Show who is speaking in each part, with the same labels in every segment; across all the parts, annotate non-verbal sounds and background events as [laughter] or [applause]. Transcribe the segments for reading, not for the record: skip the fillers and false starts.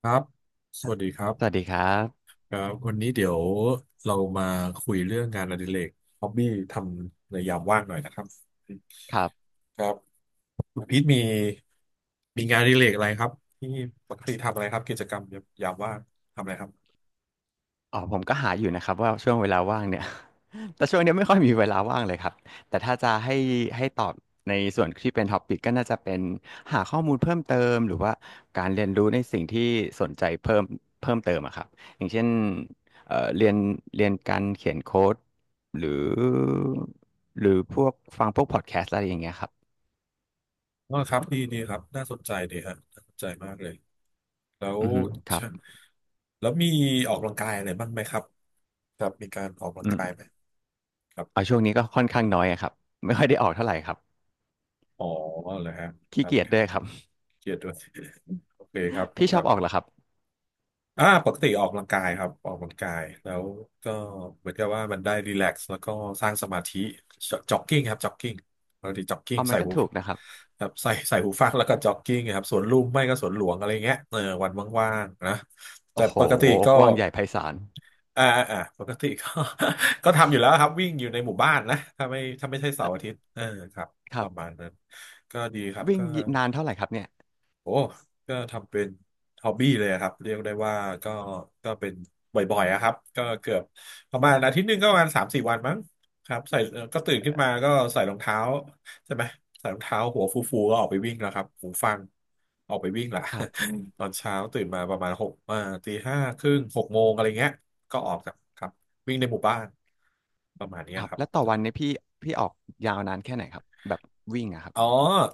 Speaker 1: ครับส
Speaker 2: ครับ
Speaker 1: วัสดีครับ
Speaker 2: สวัสดีครับ
Speaker 1: ครับวันนี้เดี๋ยวเรามาคุยเรื่องงานอดิเรกฮอบบี้ทำในยามว่างหน่อยนะครับ
Speaker 2: ครับ
Speaker 1: ครับคุณพีทมีงานอดิเรกอะไรครับที่ปกติทำอะไรครับกิจกรรมยามว่างทำอะไรครับ
Speaker 2: อ๋อผมก็หาอยู่นะครับว่าช่วงเวลาว่างเนี่ย [laughs] แต่ช่วงเนี้ยไม่ค่อยมีเวลาว่างเลยครับแต่ถ้าจะให้ตอบในส่วนที่เป็นท็อปิกก็น่าจะเป็นหาข้อมูลเพิ่มเติมหรือว่าการเรียนรู้ในสิ่งที่สนใจเพิ่มเติมอะครับอย่างเช่นเรียนการเขียนโค้ดหรือพวกฟังพวกพอดแคสต์อะไรอย่างเงี้ยครับ
Speaker 1: อ๋อครับดีดีครับน่าสนใจดีฮะน่าสนใจมากเลยแล้ว
Speaker 2: อือฮึครั
Speaker 1: เชิ
Speaker 2: บ
Speaker 1: แล้วมีออกกำลังกายอะไรบ้างไหมครับครับมีการออกกำลั
Speaker 2: อื
Speaker 1: ง
Speaker 2: ม
Speaker 1: กายไหมครับ
Speaker 2: เอาช่วงนี้ก็ค่อนข้างน้อยอะครับไม่ค่อยได้ออกเท่าไหร่ครับ
Speaker 1: อ๋อเหรอฮะค
Speaker 2: ขี้
Speaker 1: รับ
Speaker 2: เกียจ
Speaker 1: ครั
Speaker 2: ด้ว
Speaker 1: บ
Speaker 2: ยครับ
Speaker 1: เครียดด้วย [laughs] โอเคครับ
Speaker 2: พี่
Speaker 1: ค
Speaker 2: ชอ
Speaker 1: รั
Speaker 2: บ
Speaker 1: บ
Speaker 2: ออกเหรอครับ
Speaker 1: อ่าปกติออกกำลังกายครับออกกำลังกายแล้วก็เหมือนกับว่ามันได้รีแลกซ์แล้วก็สร้างสมาธิจ็อกกิ้งครับจ็อกกิ้งปกติจ็อกกิ้ง
Speaker 2: เอามั
Speaker 1: ใส่
Speaker 2: นก็
Speaker 1: หู
Speaker 2: ถูกนะครับ
Speaker 1: ครับใส่หูฟังแล้วก็จ็อกกิ้งครับสวนลุมไม่ก็สวนหลวงอะไรเงี้ยเออวันว่างๆนะแต่
Speaker 2: โอ้โห
Speaker 1: ปกติก็
Speaker 2: กว้างใหญ่ไพศาล
Speaker 1: อ่าปกติก็ [laughs] ก็ทำอยู่แล้วครับวิ่งอยู่ในหมู่บ้านนะถ้าไม่ใช่เสา
Speaker 2: เอ่อ
Speaker 1: ร์อาทิตย์เออครับ
Speaker 2: ค
Speaker 1: ป
Speaker 2: รับ
Speaker 1: ระมาณนั้นก็ดีครับ
Speaker 2: วิ่ง
Speaker 1: ก็
Speaker 2: นานเท่าไหร่ครับเนี่ย
Speaker 1: โอ้ก็ทำเป็นฮอบบี้เลยอะครับเรียกได้ว่าก็เป็นบ่อยๆอะครับก็เกือบประมาณอาทิตย์หนึ่งก็ประมาณ3-4 วันมั้งครับใส่ก็ตื่นขึ้นมาก็ใส่รองเท้าใช่ไหมใส่รองเท้าหัวฟูๆก็ออกไปวิ่งแล้วครับหูฟังออกไปวิ่งละ
Speaker 2: ครั
Speaker 1: [laughs]
Speaker 2: บ
Speaker 1: อืมตอนเช้าตื่นมาประมาณหกตีห้าครึ่งหกโมงอะไรเงี้ยก็ออกจากครับวิ่งในหมู่บ้านประมาณเนี้
Speaker 2: ค
Speaker 1: ย
Speaker 2: รับ
Speaker 1: ครั
Speaker 2: แล้วต่อ
Speaker 1: บ
Speaker 2: วันเนี่ยพี่ออกยาวนานแค่ไหนครับแบบวิ่งอะครับ
Speaker 1: อ๋อ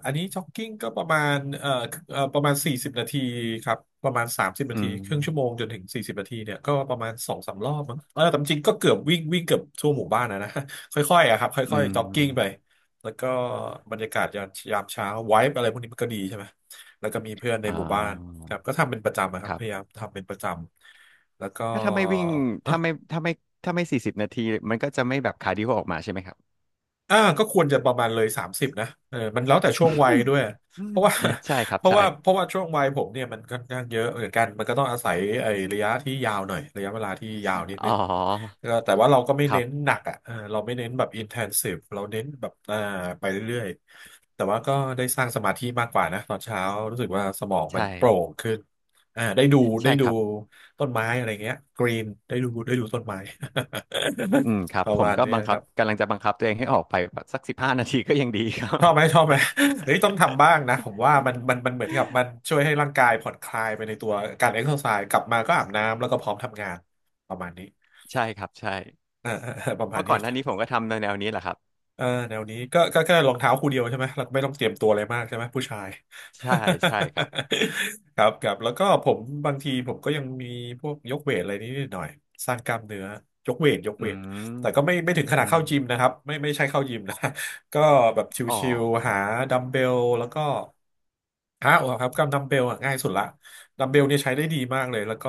Speaker 1: อันนี้จ็อกกิ้งก็ประมาณประมาณสี่สิบนาทีครับ ประมาณสามสิบนา
Speaker 2: อื
Speaker 1: ที
Speaker 2: ม
Speaker 1: ครึ่งชั่วโมงจนถึงสี่สิบนาทีเนี่ยก็ประมาณ2-3 รอบมั้งเออแต่จริงๆก็เกือบวิ่งวิ่งเกือบทั่วหมู่บ้านนะนะ [laughs] ค่อยๆอะครับ
Speaker 2: อื
Speaker 1: ค่อยๆจ็อกกิ้งไป
Speaker 2: ม
Speaker 1: แล้วก็บรรยากาศยามเช้าไวบ์อะไรพวกนี้มันก็ดีใช่ไหม แล้วก็มีเพื่อนใน
Speaker 2: อ่
Speaker 1: หมู่บ้าน
Speaker 2: า
Speaker 1: ครับก็ทำเป็นประจำอะครั
Speaker 2: ค
Speaker 1: บ
Speaker 2: รั
Speaker 1: พยา
Speaker 2: บ
Speaker 1: ยามทำเป็นประจำแล้วก็
Speaker 2: ก็ถ้าไม่วิ่งถ้าไม่ถ้าไม่ถ้าไม่40 นาทีมันก็จะไม่แบบคาร์ดิโอออกมาใช่ไหมครับ
Speaker 1: อ่าก็ควรจะประมาณเลยสามสิบนะเออมันแล้วแต่ช่วงวัยด้วย
Speaker 2: อื
Speaker 1: เพ
Speaker 2: ม
Speaker 1: ราะว่า
Speaker 2: [laughs] ใช่ครั
Speaker 1: [laughs]
Speaker 2: บ
Speaker 1: เพราะ
Speaker 2: ใช่
Speaker 1: ว่าเพราะว่าช่วงวัยผมเนี่ยมันค่อนข้างเยอะเหมือนกันมันก็ต้องอาศัยไอ้ระยะที่ยาวหน่อยระยะเวลาที่ยาวนิด
Speaker 2: อ๋
Speaker 1: นึ
Speaker 2: อ
Speaker 1: งก็แต่ว่าเราก็ไม่
Speaker 2: ครั
Speaker 1: เน้
Speaker 2: บ
Speaker 1: นหนักอ่ะเออเราไม่เน้นแบบ intensive เราเน้นแบบอ่าไปเรื่อยๆแต่ว่าก็ได้สร้างสมาธิมากกว่านะตอนเช้ารู้สึกว่าสมองมัน
Speaker 2: ใช่
Speaker 1: โปร่งขึ้นอ่าได้
Speaker 2: ใช่
Speaker 1: ดู
Speaker 2: ครับ
Speaker 1: ต้นไม้อะไรเงี้ยกรีนได้ดูต้นไม้
Speaker 2: อืมครั
Speaker 1: [laughs]
Speaker 2: บ
Speaker 1: ประ
Speaker 2: ผม
Speaker 1: มาณ
Speaker 2: ก็
Speaker 1: เนี้
Speaker 2: บั
Speaker 1: ย
Speaker 2: ง
Speaker 1: ค
Speaker 2: คับ
Speaker 1: รับ
Speaker 2: กำลังจะบังคับตัวเองให้ออกไปแบบสักสิบห้านาทีก็ยังดีครั
Speaker 1: ช
Speaker 2: บ
Speaker 1: อบไหมชอบไหม [laughs] เฮ้ยต้องทำบ้างนะผมว่ามันเหมือนกับมันช่วยให้ร่างกายผ่อนคลายไปในตัวการเอ็กซ์ไซส์กลับมาก็อาบน้ำแล้วก็พร้อมทำงานประมาณนี้
Speaker 2: ใช่ครับใช่
Speaker 1: เออเออเออประ
Speaker 2: เพ
Speaker 1: มาณ
Speaker 2: ราะ
Speaker 1: นี้
Speaker 2: ก่อนหน้านี้ผมก็ทำในแนวนี้แหละครับ
Speaker 1: เออแนวนี้ก็แค่รองเท้าคู่เดียวใช่ไหมเราก็ไม่ต้องเตรียมตัวอะไรมากใช่ไหมผู้ชาย
Speaker 2: ใช่ใช่ครับ
Speaker 1: [laughs] ครับครับแล้วก็ผมบางทีผมก็ยังมีพวกยกเวทอะไรนิดหน่อยสร้างกล้ามเนื้อยกเวทยก
Speaker 2: อื
Speaker 1: เวทแต่ก็ไม่
Speaker 2: ม
Speaker 1: ไม่ถึงขนา
Speaker 2: อื
Speaker 1: ดเข้า
Speaker 2: ม
Speaker 1: จิมนะครับไม่ไม่ใช่เข้ายิมนะ [laughs] ก็แบบ
Speaker 2: อ๋อ
Speaker 1: ชิว
Speaker 2: อ๋
Speaker 1: ๆ
Speaker 2: อ
Speaker 1: หาดัมเบลแล้วก็หาเอาครับกับดัมเบลอะง่ายสุดละดัมเบลเนี่ยใช้ได้ดีมากเลยแล้วก็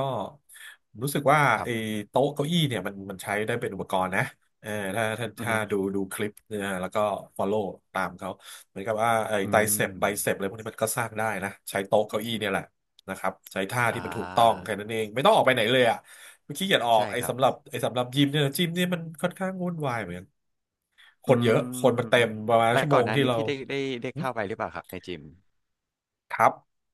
Speaker 1: รู้สึกว่า
Speaker 2: ครั
Speaker 1: ไอ้
Speaker 2: บ
Speaker 1: โต๊ะเก้าอี้เนี่ยมันมันใช้ได้เป็นอุปกรณ์นะ เออ
Speaker 2: อือ
Speaker 1: ถ้า
Speaker 2: ฮึ
Speaker 1: ดูคลิปเนี่ยแล้วก็ follow ตามเขาเหมือนกับว่าไอ้
Speaker 2: อื
Speaker 1: ไตรเซ
Speaker 2: ม
Speaker 1: ปไบเซปอะไรพวกนี้มันก็สร้างได้นะใช้โต๊ะเก้าอี้เนี่ยแหละนะครับใช้ท่า
Speaker 2: อ่
Speaker 1: ที่มันถูกต้อง
Speaker 2: า
Speaker 1: แค่นั้นเองไม่ต้องออกไปไหนเลยอ่ะไม่ขี้เกียจออก
Speaker 2: ใช่ครับ
Speaker 1: ไอ้สำหรับยิมเนี่ยจิมเนี่ยมันค่อนข้างวุ่นวายเหมือนกันค
Speaker 2: อื
Speaker 1: นเยอะคนมันเต็
Speaker 2: ม
Speaker 1: มประมาณ
Speaker 2: และ
Speaker 1: ชั่วโม
Speaker 2: ก่อน
Speaker 1: ง
Speaker 2: หน้า
Speaker 1: ที่
Speaker 2: นี้
Speaker 1: เรา
Speaker 2: พี่ได้ได้เข้าไปหรือเปล่าครับในจิม
Speaker 1: ครับ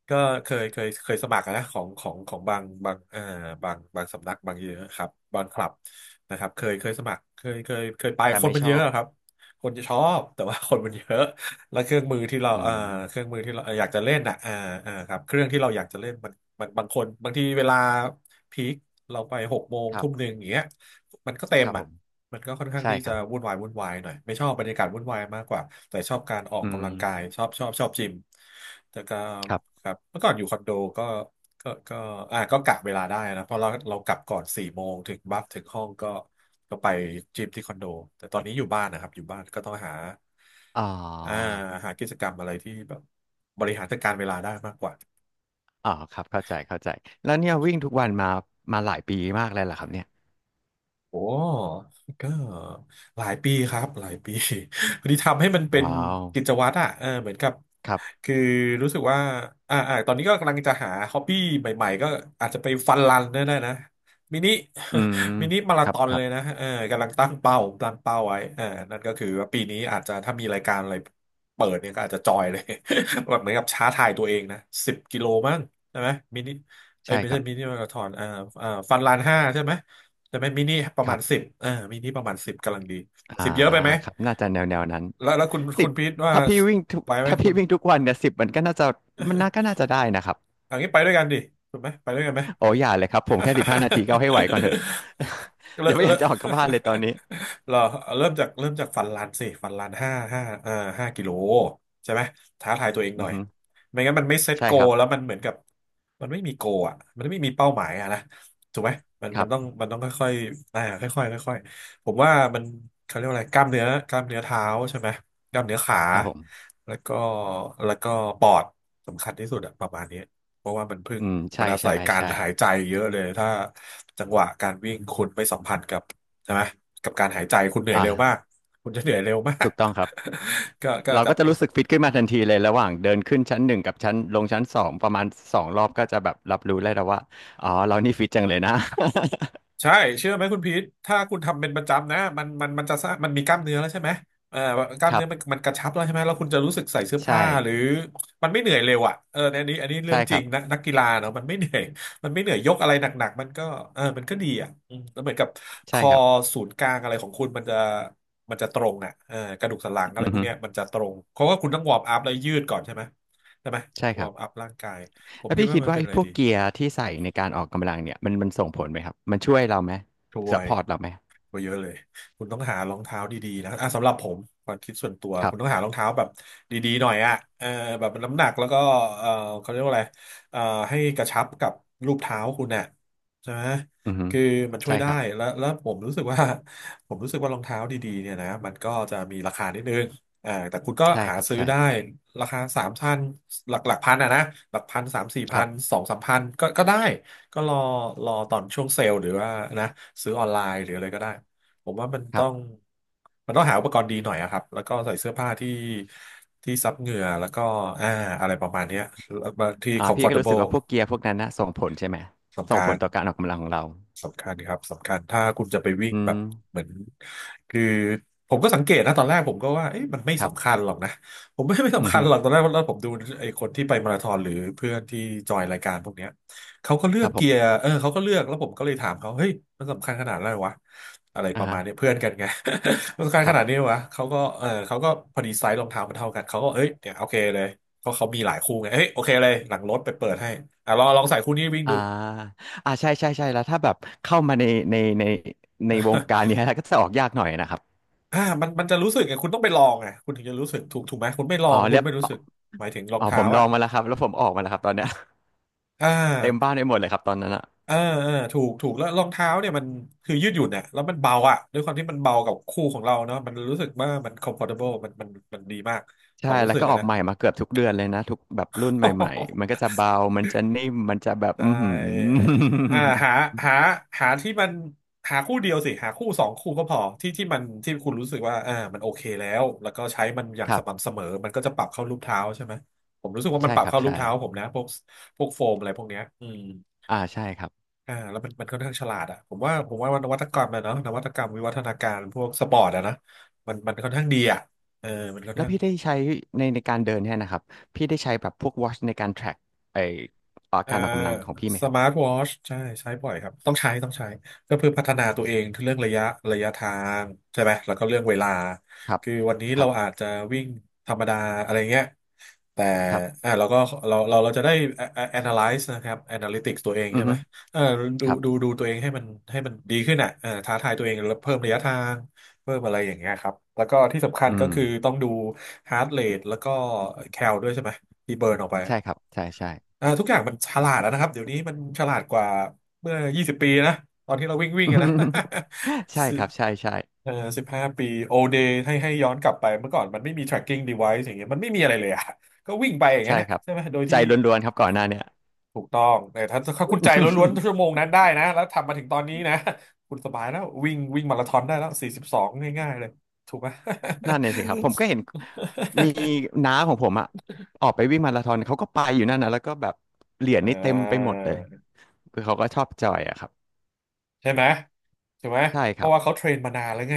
Speaker 1: ก็เคยสมัครนะของบางบางสำนักบางเยอะครับบางคลับนะครับเคยสมัครเคยไป
Speaker 2: แต่
Speaker 1: คน
Speaker 2: ไม่
Speaker 1: มัน
Speaker 2: ช
Speaker 1: เย
Speaker 2: อ
Speaker 1: อะ
Speaker 2: บ
Speaker 1: ครับคนจะชอบแต่ว่าคนมันเยอะแล้วเครื่องมือที่เรา
Speaker 2: อืม
Speaker 1: เครื่องมือที่เราอยากจะเล่นอ่ะครับเครื่องที่เราอยากจะเล่นมันมันบางคนบางทีเวลาพีคเราไปหกโมง
Speaker 2: ครั
Speaker 1: ทุ่
Speaker 2: บ
Speaker 1: มหนึ่งอย่างเงี้ยมันก็เต็
Speaker 2: ค
Speaker 1: ม
Speaker 2: รับผ
Speaker 1: อ่ะ
Speaker 2: ม
Speaker 1: มันก็ค่อนข้าง
Speaker 2: ใช่
Speaker 1: ที่
Speaker 2: ค
Speaker 1: จะ
Speaker 2: รับ
Speaker 1: วุ่นวายวุ่นวายหน่อยไม่ชอบบรรยากาศวุ่นวายมากกว่าแต่ชอบการออก
Speaker 2: อืม
Speaker 1: กำลังกายชอบจิมแต่ก็
Speaker 2: ครับ
Speaker 1: ครับเมื่อก่อนอยู่คอนโดก็ก็ก็อ่าก็กะเวลาได้นะเพราะเรากลับก่อน4 โมงถึงบัฟถึงห้องก็ไปจิมที่คอนโดแต่ตอนนี้อยู่บ้านนะครับอยู่บ้านก็ต้อง
Speaker 2: อ๋
Speaker 1: อ่า
Speaker 2: อ
Speaker 1: หากิจกรรมอะไรที่แบบบริหารจัดการเวลาได้มากกว่า
Speaker 2: อ๋อครับเข้าใจเข้าใจแล้วเนี่ยวิ่งทุกวันมาหลายปีมากแล้วเหรอครับเนี่ย
Speaker 1: โอ้ก็หลายปีครับหลายปี [laughs] พอดีทำให้มันเป็น
Speaker 2: ว้าว
Speaker 1: กิจวัตรอ่ะเออเหมือนกับ
Speaker 2: ครับ
Speaker 1: คือรู้สึกว่าตอนนี้ก็กำลังจะหาฮอบบี้ใหม่ๆก็อาจจะไปฟันรันได้นะมินิ
Speaker 2: อืม
Speaker 1: [laughs] มินิมา
Speaker 2: ค
Speaker 1: รา
Speaker 2: รั
Speaker 1: ธ
Speaker 2: บ
Speaker 1: อน
Speaker 2: ครั
Speaker 1: เล
Speaker 2: บ
Speaker 1: ยนะเออกำลังตั้งเป้าไว้เออนั่นก็คือว่าปีนี้อาจจะถ้ามีรายการอะไรเปิดเนี่ยก็อาจจะจอยเลย [laughs] แบบเหมือนกับท้าทายตัวเองนะ10 กิโลมั้งใช่ไหมมินิเอ้ย
Speaker 2: ใช่
Speaker 1: ไม่
Speaker 2: ค
Speaker 1: ใช่
Speaker 2: รับ
Speaker 1: มินิมาราธอนอ่าฟันลันห้าใช่ไหม แต่เป็นมินิประ
Speaker 2: ค
Speaker 1: มา
Speaker 2: รั
Speaker 1: ณ10
Speaker 2: บ
Speaker 1: เออมินิประมาณสิบกำลังดี
Speaker 2: อ่า
Speaker 1: สิบเยอะไปไหม
Speaker 2: ครับ น่าจะแนวแนวนั้น
Speaker 1: แล้วคุณ
Speaker 2: สิ
Speaker 1: คุ
Speaker 2: บ
Speaker 1: ณพีทว่า
Speaker 2: ถ้าพี่วิ่งทุก
Speaker 1: ไปไหม
Speaker 2: ถ้า
Speaker 1: คุ
Speaker 2: พี่
Speaker 1: ณ
Speaker 2: วิ่งทุกวันเนี่ยสิบมันก็น่าจะมันน่าก็น่าจะได้นะครับ
Speaker 1: อันนี้ไปด้วยกันดิถูกไหมไปด้วยกันไหม
Speaker 2: โอ้อย่าเลยครับผมแค่สิบห้านาทีก็เอาให้ไหวก่อนเถอะ
Speaker 1: [laughs]
Speaker 2: [laughs]
Speaker 1: เริ่
Speaker 2: ยั
Speaker 1: ม
Speaker 2: งไม่อยา
Speaker 1: เริ่
Speaker 2: ก
Speaker 1: ม
Speaker 2: จะออกจากบ้านเลยตอนนี้
Speaker 1: [laughs] เหรอเริ่มจากฟันรันสิฟันรันห้าห้าเอ่อ5 กิโลใช่ไหมท้าทายตัวเองห
Speaker 2: อื
Speaker 1: น่
Speaker 2: อ
Speaker 1: อย
Speaker 2: ฮึ
Speaker 1: ไม่งั้นมันไม่เซ็ต
Speaker 2: ใช่
Speaker 1: โก
Speaker 2: ครับ
Speaker 1: แล้วมันเหมือนกับมันไม่มีโกอ่ะมันไม่มีเป้าหมายอ่ะนะถูกไหมมัน
Speaker 2: ค
Speaker 1: มั
Speaker 2: รั
Speaker 1: นต้อง
Speaker 2: บ
Speaker 1: มันต้องค่อยๆผมว่ามันเขาเรียกว่าอะไรกล้ามเนื้อเท้าใช่ไหมกล้ามเนื้อขา
Speaker 2: ครับผม
Speaker 1: แล้วก็แล้วก็ปอดสำคัญที่สุดอะประมาณนี้ เพราะว่ามันพึ่ง
Speaker 2: อืมใช่
Speaker 1: มันอา
Speaker 2: ใช่
Speaker 1: ศัยการ
Speaker 2: ใช่
Speaker 1: หายใจเยอะเลยถ้าจังหวะการวิ่งคุณไม่สัมผัสกับใช่ไหมกับการหายใจคุณเหนื่อย
Speaker 2: อ่า
Speaker 1: เร็วมากคุณจะเหนื่อยเร็วมาก
Speaker 2: ถูกต้องครับ
Speaker 1: [laughs] ก็
Speaker 2: เรา
Speaker 1: จะ
Speaker 2: ก็จะรู้สึกฟิตขึ้นมาทันทีเลยระหว่างเดินขึ้นชั้นหนึ่งกับชั้นลงชั้นสองประมาณสองรอบก็จะแบบรับรู้ได้แล้วว่าอ๋อเรานี่ฟิตจังเลยนะ
Speaker 1: ใช่เชื่อไหมคุณพีทถ้าคุณทำเป็นประจำนะมันจะสร้างมันมีกล้ามเนื้อแล้วใช่ไหมเอ่อกล้า
Speaker 2: [laughs] ค
Speaker 1: ม
Speaker 2: รั
Speaker 1: เนื้อ
Speaker 2: บ
Speaker 1: มันกระชับแล้วใช่ไหมแล้วคุณจะรู้สึกใส่เสื้อ
Speaker 2: ใช่
Speaker 1: ผ้าหรือมันไม่เหนื่อยเร็วอ่ะเออในอันนี้เรื่อ
Speaker 2: ใช่
Speaker 1: ง
Speaker 2: ค
Speaker 1: จริ
Speaker 2: รั
Speaker 1: ง
Speaker 2: บ
Speaker 1: นะนักกีฬาเนาะมันไม่เหนื่อย [laughs] มันไม่เหนื่อยยกอะไรหนักๆมันก็เออมันก็ดีอ่ะอืมแล้วเหมือนกับค
Speaker 2: ใช่
Speaker 1: อ
Speaker 2: ครับ
Speaker 1: ศูนย์กลางอะไรของคุณมันจะตรงอ่ะเออกระดูกสันหลังอะ
Speaker 2: อื
Speaker 1: ไร
Speaker 2: อ
Speaker 1: พวก
Speaker 2: ฮึ
Speaker 1: เนี้ยมันจะตรงเพราะว่าคุณต้องวอร์มอัพแล้วยืดก่อนใช่ไหมใช่ไหม
Speaker 2: ใช่ค
Speaker 1: วอ
Speaker 2: รั
Speaker 1: ร์
Speaker 2: บ
Speaker 1: มอัพร่างกายผม
Speaker 2: แล้ว
Speaker 1: คิด
Speaker 2: พี่
Speaker 1: ว่า
Speaker 2: คิด
Speaker 1: มัน
Speaker 2: ว่า
Speaker 1: เป็น
Speaker 2: ไอ้
Speaker 1: อะไร
Speaker 2: พวก
Speaker 1: ดี
Speaker 2: เกียร์ที่ใส่ในการออกกำลังเนี่ยมันส่งผลไหมครับ มันช่วยเราไหม
Speaker 1: ช่ว
Speaker 2: ซัพ
Speaker 1: ย
Speaker 2: พอร์ตเราไหม
Speaker 1: ก็เยอะเลย คุณต้องหารองเท้าดีๆนะอ่ะสำหรับผมความคิดส่วนตัว
Speaker 2: ครั
Speaker 1: คุณต้อง
Speaker 2: บ
Speaker 1: หารองเท้าแบบดีๆหน่อยอ่ะเออแบบน้ำหนักแล้วก็เออเขาเรียกว่าอะไรเออให้กระชับกับรูปเท้าคุณน่ะใช่ไหม
Speaker 2: อือฮึ
Speaker 1: คือมันช่ว
Speaker 2: ใช่
Speaker 1: ย
Speaker 2: ค
Speaker 1: ได้
Speaker 2: รับ
Speaker 1: แล้วผมรู้สึกว่า [laughs] ผมรู้สึกว่ารองเท้าดีๆเนี่ยนะมันก็จะมีราคานิดนึงแต่คุณก็
Speaker 2: ใช่
Speaker 1: หา
Speaker 2: ครับ
Speaker 1: ซื้อ
Speaker 2: ใช่
Speaker 1: ได้ราคาสามพันหลักพันอ่ะนะหลักพันสามสี่
Speaker 2: ค
Speaker 1: พั
Speaker 2: รั
Speaker 1: น
Speaker 2: บ
Speaker 1: สองสามพันก็ได้ ก็รอตอนช่วงเซลล์หรือว่านะซื้อออนไลน์หรืออะไรก็ได้ผมว่ามัน
Speaker 2: ค
Speaker 1: ต้
Speaker 2: รั
Speaker 1: อง
Speaker 2: บ
Speaker 1: มันต้องหาอุปกรณ์ดีหน่อยอะครับแล้วก็ใส่เสื้อผ้าที่ซับเหงื่อแล้วก็อ่าอะไรประมาณเนี้ยแล้วบางที่
Speaker 2: อ่าพี่ก็รู้สึก
Speaker 1: comfortable
Speaker 2: ว่าพวกเกียร์พวกนั้นนะส่งผลใช่ไหม
Speaker 1: สำ
Speaker 2: ส่ง
Speaker 1: คั
Speaker 2: ผล
Speaker 1: ญ
Speaker 2: ต่อการออกกำลังของเรา
Speaker 1: สำคัญครับสำคัญถ้าคุณจะไปวิ่ง
Speaker 2: อื
Speaker 1: แบ
Speaker 2: ม
Speaker 1: บเหมือนคือผมก็สังเกตนะตอนแรกผมก็ว่าเอ๊ะมันไม่
Speaker 2: ครั
Speaker 1: สำคั
Speaker 2: บ
Speaker 1: ญหรอกนะผมไม่ [laughs] ไม่
Speaker 2: อื
Speaker 1: สำ
Speaker 2: อ
Speaker 1: คัญ
Speaker 2: ฮึ
Speaker 1: หรอกตอนแรกแล้วผมดูไอ้คนที่ไปมาราธอนหรือเพื่อนที่จอยรายการพวกเนี้ยเขาก็เลื
Speaker 2: ค
Speaker 1: อ
Speaker 2: รั
Speaker 1: ก
Speaker 2: บผ
Speaker 1: เกียร์
Speaker 2: ม
Speaker 1: เออเขาก็เลือกแล้วผมก็เลยถามเขาเฮ้ยมันสำคัญขนาดนั้นเลยวะอะไรป
Speaker 2: อ่า
Speaker 1: ระ
Speaker 2: ฮะ
Speaker 1: มาณเนี้ยเพื่อนกันไง [laughs] มันสำคัญ
Speaker 2: ค
Speaker 1: ข
Speaker 2: รั
Speaker 1: นาดนี้
Speaker 2: บ
Speaker 1: เลยวะเขาก็เออเขาก็พอดีไซส์รองเท้ามันเท่ากันเขาก็เอ้ยเนี่ยโอเคเลยเพราะเขามีหลายคู่ไงเฮ้ยโอเคเลยหลังรถไปเปิดให้อ่ะลองลองใส่คู่นี้วิ่ง
Speaker 2: อ่า
Speaker 1: ดู
Speaker 2: อ่าใช่ใช่ใช่แล้วถ้าแบบเข้ามาในในในในวงการเนี้ยแล้วก็จะออกยากหน่อยนะครับ
Speaker 1: อ่ามันมันจะรู้สึกไงคุณต้องไปลองไงคุณถึงจะรู้สึกถูกไหมคุณไม่ลอ
Speaker 2: อ๋อ
Speaker 1: งคุ
Speaker 2: เรี
Speaker 1: ณ
Speaker 2: ยบ
Speaker 1: ไม่รู้สึกหมายถึงรอง
Speaker 2: อ๋อผ
Speaker 1: เท้า
Speaker 2: มลอ
Speaker 1: อ่ะ
Speaker 2: งมาแล้วครับแล้วผมออกมาแล้วครับตอนเนี้ย
Speaker 1: อ่
Speaker 2: เต็มบ้า
Speaker 1: า
Speaker 2: นไปหมดเลยครับตอนนั้นอ่ะ
Speaker 1: เออเออถูกแล้วรองเท้าเนี่ยมันคือยืดหยุ่นเนี่ยแล้วมันเบาอ่ะด้วยความที่มันเบากับคู่ของเราเนาะมันรู้สึกว่ามัน comfortable มันดีมากควา
Speaker 2: ใช่
Speaker 1: มรู้
Speaker 2: แล้
Speaker 1: สึ
Speaker 2: ว
Speaker 1: ก
Speaker 2: ก็อ
Speaker 1: อะ
Speaker 2: อก
Speaker 1: นะ
Speaker 2: ใหม่มาเกือบทุกเดือนเลยนะทุกแบบรุ่นใหม่ๆมันก็
Speaker 1: [laughs]
Speaker 2: จะเบามันจะนิ่มมันจะแบบ
Speaker 1: ได
Speaker 2: อือหื
Speaker 1: ้
Speaker 2: อ
Speaker 1: อ่าหาหาหาที่มันหาคู่เดียวสิหาคู่สองคู่ก็พอที่มันที่คุณรู้สึกว่ามันโอเคแล้วแล้วก็ใช้มันอย่า
Speaker 2: [laughs]
Speaker 1: ง
Speaker 2: ครั
Speaker 1: ส
Speaker 2: บ
Speaker 1: ม่ำเสมอมันก็จะปรับเข้ารูปเท้าใช่ไหมผมรู้สึกว่ามัน
Speaker 2: ใช่
Speaker 1: ปรับ
Speaker 2: ครับ
Speaker 1: เข้ารูป
Speaker 2: ใช่
Speaker 1: เท้าผมนะพวกพวกโฟมอะไรพวกเนี้ยอืม
Speaker 2: อ่าใช่ครับ
Speaker 1: แล้วมันค่อนข้างฉลาดอ่ะผมว่านวัตกรรมอะเนาะนวัตกรรมวิวัฒนาการพวกสปอร์ตอะนะมันค่อนข้างดีอ่ะเออมันค่อน
Speaker 2: แล้ว
Speaker 1: ข้าง
Speaker 2: พี่ได้ใช้ในการเดินเนี่ยนะครับพี่ได้ใช้แบบพวก watch ในการ track ไออา
Speaker 1: อ่า
Speaker 2: การออกกำลังของพี่ไหม
Speaker 1: ส
Speaker 2: ครั
Speaker 1: มาร์ท
Speaker 2: บ
Speaker 1: วอชใช่ใช้บ่อยครับต้องใช้ก็เพื่อพัฒนาตัวเองเรื่องระยะทางใช่ไหมแล้วก็เรื่องเวลา
Speaker 2: ครับ
Speaker 1: คือวันนี้
Speaker 2: ค
Speaker 1: เรา
Speaker 2: รั
Speaker 1: อา
Speaker 2: บ
Speaker 1: จจะวิ่งธรรมดาอะไรเงี้ยแต่
Speaker 2: ครับ
Speaker 1: เราก็เราจะได้ a- n a l y z e นะครับ analytics ตัวเอง
Speaker 2: อื
Speaker 1: ใช่
Speaker 2: อ
Speaker 1: ไหม
Speaker 2: ฮึ
Speaker 1: เออดู
Speaker 2: ครับ
Speaker 1: ดูดูตัวเองให้มันให้มันดีขึ้นอ่ะเออท้าทายตัวเองแล้วเพิ่มระยะทางเพิ่มอะไรอย่างเงี้ยครับแล้วก็ที่สำคัญ
Speaker 2: อื
Speaker 1: ก็
Speaker 2: ม
Speaker 1: คือต้องดู heart rate แล้วก็แคลด้วยใช่ไหมที่เบิร์นออกไป
Speaker 2: ใช่ครับใช่ใช่
Speaker 1: ทุกอย่างมันฉลาดแล้วนะครับเดี๋ยวนี้มันฉลาดกว่าเมื่อ20ปีนะตอนที่เราวิ่งวิ่งอะนะ
Speaker 2: [laughs] ใช่
Speaker 1: [laughs] สิ
Speaker 2: ครับใช่ใช่
Speaker 1: เอ่อ15ปีโอเดย์ให้ให้ย้อนกลับไปเมื่อก่อนมันไม่มี tracking device อย่างเงี้ยมันไม่มีอะไรเลยอะก็วิ่งไปอย่างนั้
Speaker 2: ใช่
Speaker 1: นแหละ
Speaker 2: ครับ
Speaker 1: ใช่ไหมโดย
Speaker 2: ใจ
Speaker 1: ที่
Speaker 2: ล้วนๆครับก่อนหน้าเนี่ย
Speaker 1: ถูกต้องแต่ถ้าคุณใจล้วนๆชั่
Speaker 2: [laughs]
Speaker 1: วโมงนั้นได้นะแล้วทำมาถึงตอนนี้นะ [laughs] คุณสบายแล้ววิ่งวิ่งมาราธอนได้แล้ว42งง่ายๆเลยถูกไหม
Speaker 2: นั่นเนี่ยสิครับผมก็เห็นมีน้าของผมอะออกไปวิ่งมาราธอนเขาก็ไปอยู่นั่นนะแล้วก็แบบเหรีย
Speaker 1: [laughs]
Speaker 2: ญ
Speaker 1: อ่
Speaker 2: นี่เต็มไปหมดเลย
Speaker 1: า
Speaker 2: คือเขาก็ชอบจอยอะครับ
Speaker 1: ใช่ไหมใช่ไหม
Speaker 2: ใช่ค
Speaker 1: เพ
Speaker 2: รั
Speaker 1: ราะ
Speaker 2: บ
Speaker 1: ว่าเขาเทรนมานานแล้วไง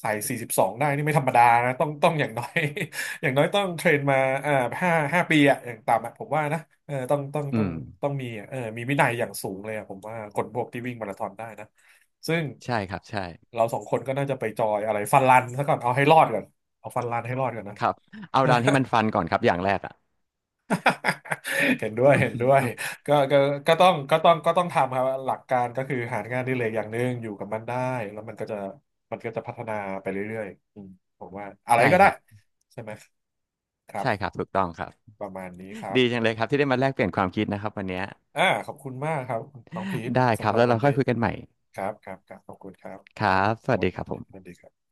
Speaker 1: ใส่สี่สิบสองได้นี่ไม่ธรรมดานะต้องอย่างน้อย [laughs] อย่างน้อยต้องเทรนมาอ่าห้าปีอะอย่างต่ำอะผมว่านะเออต้องต้อง
Speaker 2: อื
Speaker 1: ต้อง
Speaker 2: ม
Speaker 1: ต้องมีอะเออมีวินัยอย่างสูงเลยอะผมว่าคนพวกที่วิ่งมาราธอนได้นะซึ่ง
Speaker 2: ใช่ครับใช่
Speaker 1: เราสองคนก็น่าจะไปจอยอะไรฟันรันซะก่อนเอาให้รอดก่อนเอาฟันรันให้รอดก่อนนะ
Speaker 2: ครับเอาดันให้
Speaker 1: [laughs]
Speaker 2: มันฟันก่อนครับอย่างแรกอะ
Speaker 1: [laughs] เห็นด้วย
Speaker 2: [laughs]
Speaker 1: ก็ก็ต้องทำครับหลักการก็คือหางานอดิเรกอย่างหนึ่งอยู่กับมันได้ แล้วมันก็จะพัฒนาไปเรื่อยๆอืมผมว่าอะไร
Speaker 2: ใช่
Speaker 1: ก็
Speaker 2: ค
Speaker 1: ได้
Speaker 2: รับ
Speaker 1: ใช่ไหมครั
Speaker 2: ใช่ครับ
Speaker 1: บ
Speaker 2: ถูกต้องครับ
Speaker 1: ประมาณนี้ครับ
Speaker 2: ดีจังเลยครับที่ได้มาแลกเปลี่ยนความคิดนะครับวันเนี้ย
Speaker 1: ขอบคุณมากครับน้องพีท
Speaker 2: ได้ครั
Speaker 1: สำ
Speaker 2: บ
Speaker 1: หรับ
Speaker 2: แล้ว
Speaker 1: วั
Speaker 2: เรา
Speaker 1: น
Speaker 2: ค่
Speaker 1: นี้
Speaker 2: อยคุยกันใหม่
Speaker 1: ครับขอบคุณครับ
Speaker 2: ค
Speaker 1: ค
Speaker 2: รั
Speaker 1: รับ
Speaker 2: บสวัส
Speaker 1: วัน
Speaker 2: ดีครับผ
Speaker 1: ดีวั
Speaker 2: ม
Speaker 1: นดีครับ